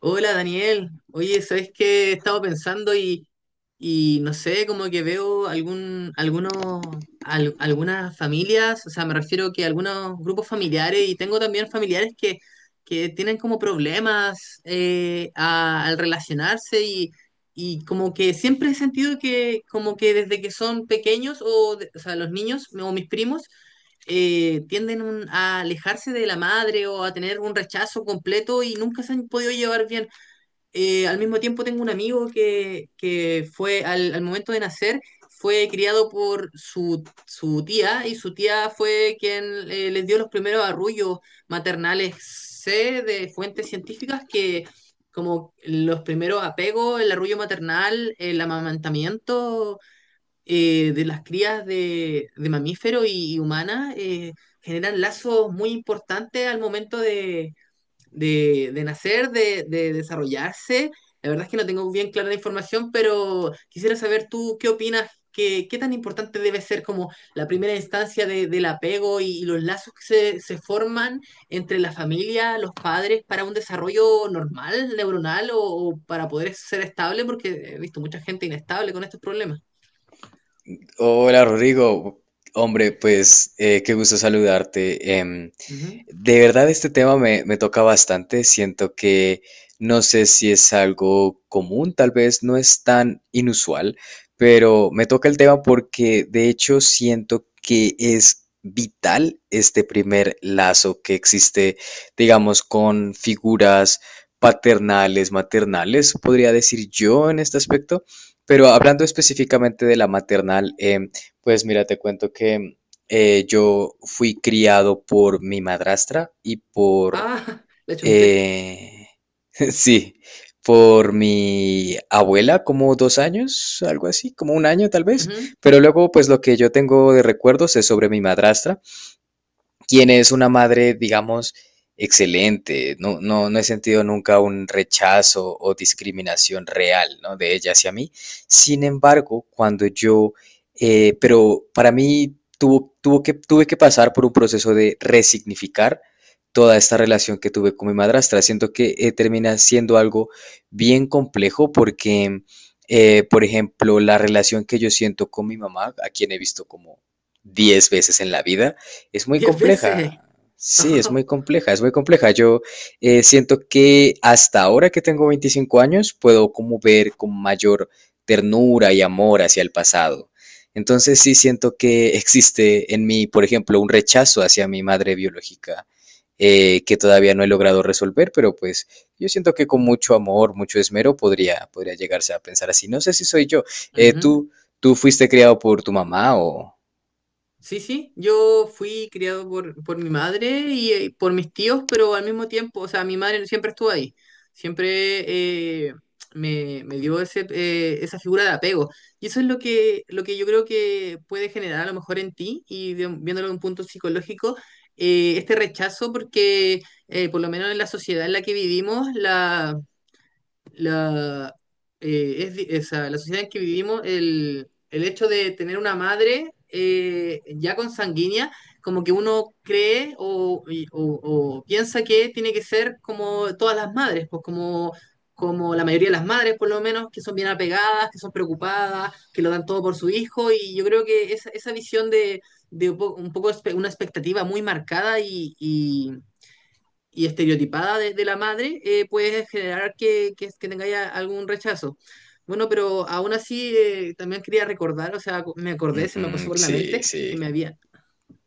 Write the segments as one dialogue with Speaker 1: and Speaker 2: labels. Speaker 1: Hola Daniel, oye, ¿sabes qué? He estado pensando y no sé, como que veo algunas familias, o sea, me refiero que algunos grupos familiares y tengo también familiares que tienen como problemas al relacionarse y como que siempre he sentido que como que desde que son pequeños o sea, los niños o mis primos tienden a alejarse de la madre o a tener un rechazo completo y nunca se han podido llevar bien. Al mismo tiempo tengo un amigo que fue al momento de nacer, fue criado por su tía y su tía fue quien les dio los primeros arrullos maternales. Sé de fuentes científicas que como los primeros apegos, el arrullo maternal, el amamantamiento, de las crías de mamíferos y humanas, generan lazos muy importantes al momento de nacer, de desarrollarse. La verdad es que no tengo bien clara la información, pero quisiera saber tú qué opinas, qué tan importante debe ser como la primera instancia del apego y los lazos que se forman entre la familia, los padres, para un desarrollo normal, neuronal, o para poder ser estable, porque he visto mucha gente inestable con estos problemas.
Speaker 2: Hola Rodrigo, hombre, pues qué gusto saludarte.
Speaker 1: Ujú.
Speaker 2: De verdad, este tema me toca bastante. Siento que no sé si es algo común, tal vez no es tan inusual, pero me toca el tema porque de hecho siento que es vital este primer lazo que existe, digamos, con figuras paternales, maternales, podría decir yo en este aspecto. Pero hablando específicamente de la maternal, pues mira, te cuento que yo fui criado por mi madrastra y por,
Speaker 1: Ah, le chunté.
Speaker 2: eh, sí, por mi abuela, como 2 años, algo así, como un año tal vez.
Speaker 1: Ujú.
Speaker 2: Pero luego, pues lo que yo tengo de recuerdos es sobre mi madrastra, quien es una madre, digamos, excelente. No, no, no he sentido nunca un rechazo o discriminación real, ¿no? De ella hacia mí. Sin embargo, cuando yo, pero para mí tuve que pasar por un proceso de resignificar toda esta relación que tuve con mi madrastra. Siento que termina siendo algo bien complejo porque, por ejemplo, la relación que yo siento con mi mamá, a quien he visto como 10 veces en la vida, es muy
Speaker 1: 10 veces.
Speaker 2: compleja. Sí, es muy compleja, es muy compleja. Yo siento que hasta ahora que tengo 25 años puedo como ver con mayor ternura y amor hacia el pasado. Entonces sí siento que existe en mí, por ejemplo, un rechazo hacia mi madre biológica que todavía no he logrado resolver, pero pues yo siento que con mucho amor, mucho esmero podría llegarse a pensar así. No sé si soy yo. Eh,
Speaker 1: Ujú.
Speaker 2: ¿tú, tú fuiste criado por tu mamá o...?
Speaker 1: Sí, sí, yo fui criado por mi madre y por mis tíos, pero al mismo tiempo, o sea, mi madre siempre estuvo ahí, siempre eh, me dio ese, esa figura de apego. Y eso es lo lo que yo creo que puede generar a lo mejor en ti, y, viéndolo de un punto psicológico, este rechazo, porque por lo menos en la sociedad en la que vivimos, la, es di- esa- la sociedad en que vivimos, el hecho de tener una madre, ya consanguínea, como que uno cree o piensa que tiene que ser como todas las madres, como la mayoría de las madres, por lo menos, que son bien apegadas, que son preocupadas, que lo dan todo por su hijo, y yo creo que esa visión un poco una expectativa muy marcada y estereotipada desde la madre, puede generar que tengáis algún rechazo. Bueno, pero aún así, también quería recordar, o sea, me acordé, se me
Speaker 2: Ujú,
Speaker 1: pasó por la
Speaker 2: sí,
Speaker 1: mente,
Speaker 2: sí.
Speaker 1: que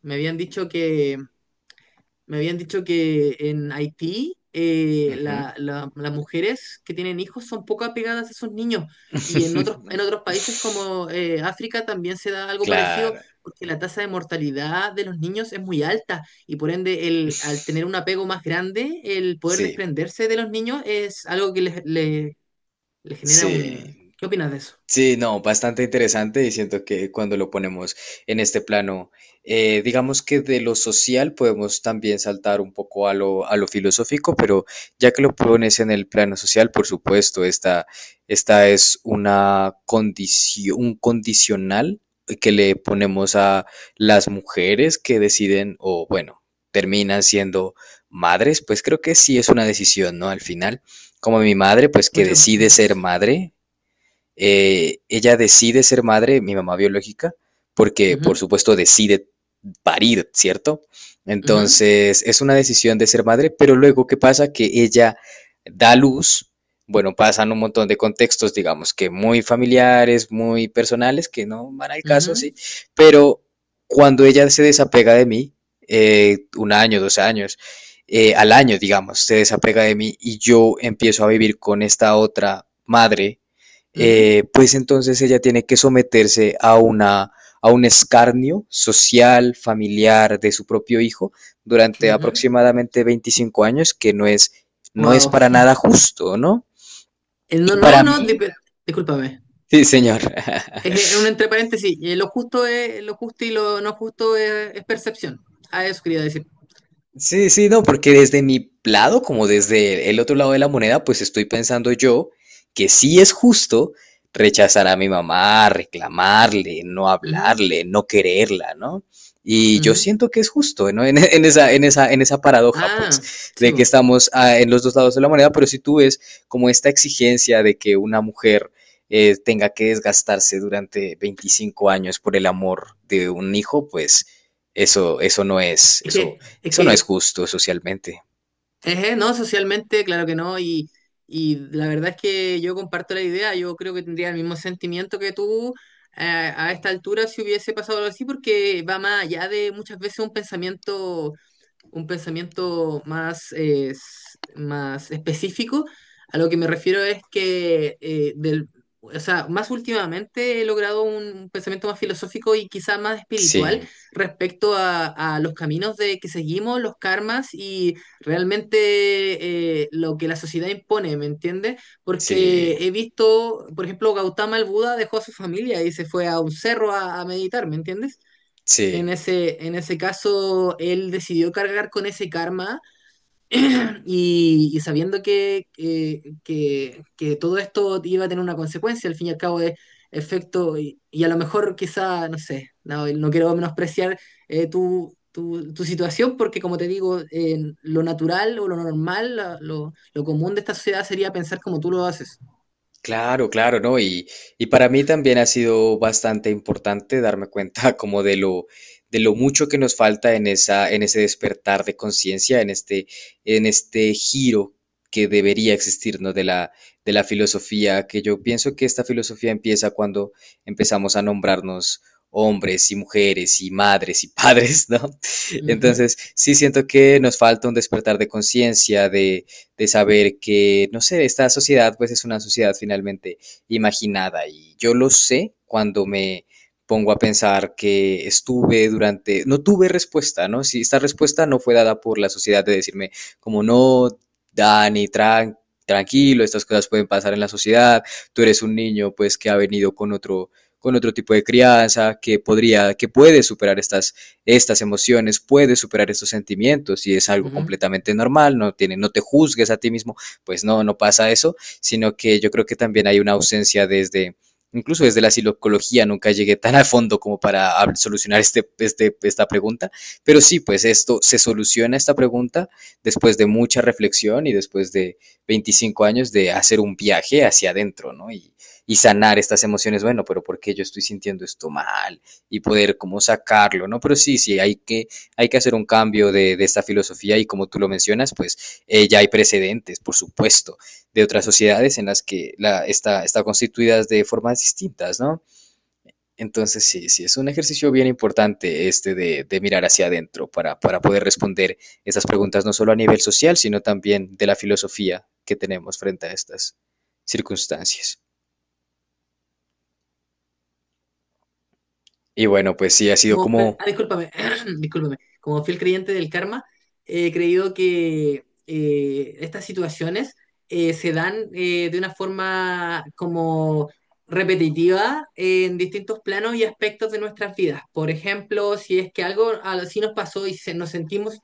Speaker 1: me habían dicho que, me habían dicho que en Haití,
Speaker 2: Ujú.
Speaker 1: las mujeres que tienen hijos son poco apegadas a esos niños, y en otros países como, África, también se da algo parecido,
Speaker 2: Claro,
Speaker 1: porque la tasa de mortalidad de los niños es muy alta y por ende al tener un apego más grande el poder
Speaker 2: sí,
Speaker 1: desprenderse de los niños es algo que le genera un...
Speaker 2: sí.
Speaker 1: ¿Qué opinas de eso?
Speaker 2: Sí, no, bastante interesante y siento que cuando lo ponemos en este plano, digamos que de lo social podemos también saltar un poco a lo, filosófico, pero ya que lo pones en el plano social, por supuesto, esta es una condición, un condicional que le ponemos a las mujeres que deciden o bueno, terminan siendo madres, pues creo que sí es una decisión, ¿no? Al final, como mi madre, pues que
Speaker 1: Muchas,
Speaker 2: decide
Speaker 1: muchas
Speaker 2: ser
Speaker 1: veces.
Speaker 2: madre ella decide ser madre, mi mamá biológica, porque por
Speaker 1: Ujú,
Speaker 2: supuesto decide parir, ¿cierto?
Speaker 1: ujú,
Speaker 2: Entonces es una decisión de ser madre, pero luego ¿qué pasa? Que ella da luz, bueno, pasan un montón de contextos, digamos que muy familiares, muy personales, que no van al caso,
Speaker 1: ujú,
Speaker 2: sí, pero cuando ella se desapega de mí, un año, 2 años, al año, digamos, se desapega de mí y yo empiezo a vivir con esta otra madre
Speaker 1: ujú,
Speaker 2: pues entonces ella tiene que someterse a un escarnio social, familiar de su propio hijo durante
Speaker 1: ujú.
Speaker 2: aproximadamente 25 años, que no es
Speaker 1: Wow.
Speaker 2: para nada justo, ¿no?
Speaker 1: No,
Speaker 2: Y
Speaker 1: no,
Speaker 2: para
Speaker 1: no,
Speaker 2: mí,
Speaker 1: discúlpame.
Speaker 2: sí, señor.
Speaker 1: Es que, un entre paréntesis, lo justo es, lo justo y lo no justo es percepción. Ah, eso quería decir.
Speaker 2: Sí, sí, no, porque desde mi lado, como desde el otro lado de la moneda, pues estoy pensando yo que sí es justo rechazar a mi mamá, reclamarle, no
Speaker 1: Ujú,
Speaker 2: hablarle, no quererla, ¿no? Y yo
Speaker 1: ujú.
Speaker 2: siento que es justo, ¿no? En esa paradoja, pues,
Speaker 1: Ah, sí,
Speaker 2: de que
Speaker 1: po.
Speaker 2: estamos en los dos lados de la moneda, pero si tú ves como esta exigencia de que una mujer tenga que desgastarse durante 25 años por el amor de un hijo, pues eso no es,
Speaker 1: Es
Speaker 2: eso,
Speaker 1: que, es
Speaker 2: eso no es
Speaker 1: que,
Speaker 2: justo socialmente.
Speaker 1: no, socialmente, claro que no, y la verdad es que yo comparto la idea, yo creo que tendría el mismo sentimiento que tú, eh, a esta altura si hubiese pasado algo así, porque va más allá de muchas veces un pensamiento más, más específico. A lo que me refiero es que, o sea, más últimamente he logrado un pensamiento más filosófico y quizá más espiritual
Speaker 2: Sí,
Speaker 1: respecto a los caminos de que seguimos, los karmas y realmente, lo que la sociedad impone, ¿me entiendes?
Speaker 2: sí,
Speaker 1: Porque he visto, por ejemplo, Gautama el Buda dejó a su familia y se fue a un cerro a meditar, ¿me entiendes?
Speaker 2: sí.
Speaker 1: En ese caso, él decidió cargar con ese karma, y sabiendo que todo esto iba a tener una consecuencia, al fin y al cabo es efecto, y a lo mejor quizá, no sé, no, no quiero menospreciar, tu situación, porque como te digo, lo natural o lo normal, lo común de esta sociedad sería pensar como tú lo haces.
Speaker 2: Claro, claro, ¿no? Y para mí también ha sido bastante importante darme cuenta como de lo, mucho que nos falta en en ese despertar de conciencia, en este giro que debería existir, ¿no? De la filosofía, que yo pienso que esta filosofía empieza cuando empezamos a nombrarnos hombres y mujeres y madres y padres, ¿no?
Speaker 1: Ujú,
Speaker 2: Entonces, sí siento que nos falta un despertar de conciencia, de saber que, no sé, esta sociedad pues es una sociedad finalmente imaginada y yo lo sé cuando me pongo a pensar que estuve durante, no tuve respuesta, ¿no? Si esta respuesta no fue dada por la sociedad de decirme como no, Dani, tranquilo, estas cosas pueden pasar en la sociedad, tú eres un niño pues que ha venido con otro tipo de crianza, que podría, que puede superar estas emociones, puedes superar estos sentimientos y es algo
Speaker 1: ujú.
Speaker 2: completamente normal, no, tiene, no te juzgues a ti mismo, pues no, no pasa eso, sino que yo creo que también hay una ausencia desde incluso desde la psicología nunca llegué tan a fondo como para solucionar esta pregunta, pero sí, pues esto se soluciona esta pregunta después de mucha reflexión y después de 25 años de hacer un viaje hacia adentro, ¿no? Y sanar estas emociones, bueno, pero ¿por qué yo estoy sintiendo esto mal? Y poder como sacarlo, ¿no? Pero sí, sí, hay que, hacer un cambio de esta filosofía y como tú lo mencionas, pues ya hay precedentes, por supuesto, de otras sociedades en las que está constituidas de formas distintas, ¿no? Entonces sí, sí, es un ejercicio bien importante este de, mirar hacia adentro para poder responder esas preguntas no solo a nivel social, sino también de la filosofía que tenemos frente a estas circunstancias. Y bueno, pues sí, ha sido como...
Speaker 1: Discúlpame, discúlpame. Como fiel creyente del karma, he creído que, estas situaciones, se dan, de una forma como repetitiva en distintos planos y aspectos de nuestras vidas. Por ejemplo, si es que algo así nos pasó nos sentimos,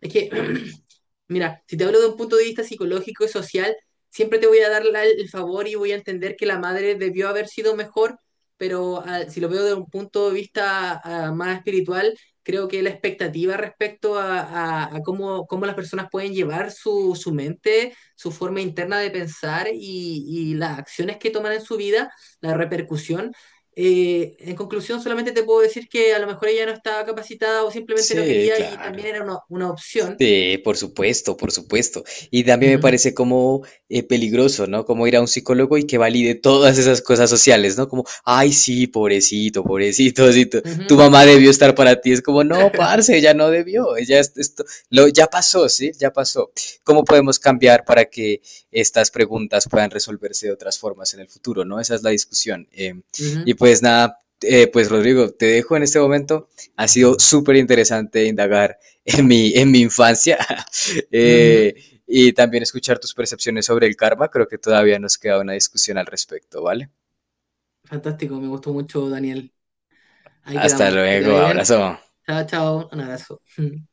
Speaker 1: es que mira, si te hablo de un punto de vista psicológico y social, siempre te voy a dar el favor y voy a entender que la madre debió haber sido mejor, pero ah, si lo veo de un punto de vista, ah, más espiritual, creo que la expectativa respecto a cómo, cómo las personas pueden llevar su mente, su forma interna de pensar y las acciones que toman en su vida, la repercusión. En conclusión, solamente te puedo decir que a lo mejor ella no estaba capacitada o simplemente no
Speaker 2: Sí,
Speaker 1: quería y
Speaker 2: claro.
Speaker 1: también era una opción.
Speaker 2: Sí, por supuesto, por supuesto. Y también me
Speaker 1: Ujú.
Speaker 2: parece como peligroso, ¿no? Como ir a un psicólogo y que valide todas esas cosas sociales, ¿no? Como, ay, sí, pobrecito, pobrecito, sí, tu,
Speaker 1: Ujú.
Speaker 2: mamá debió estar para ti. Es como, no, parce, ella no debió, ella esto, lo, ya pasó, ¿sí? Ya pasó. ¿Cómo podemos cambiar para que estas preguntas puedan resolverse de otras formas en el futuro, ¿no? Esa es la discusión. Y
Speaker 1: Ujú,
Speaker 2: pues nada, pues Rodrigo, te dejo en este momento. Ha sido súper interesante indagar en mi, infancia.
Speaker 1: ujú.
Speaker 2: Eh, y también escuchar tus percepciones sobre el karma. Creo que todavía nos queda una discusión al respecto, ¿vale?
Speaker 1: Fantástico, me gustó mucho, Daniel. Ahí
Speaker 2: Hasta
Speaker 1: quedamos. Que te
Speaker 2: luego,
Speaker 1: vaya bien.
Speaker 2: abrazo.
Speaker 1: Chao, chao. Un abrazo.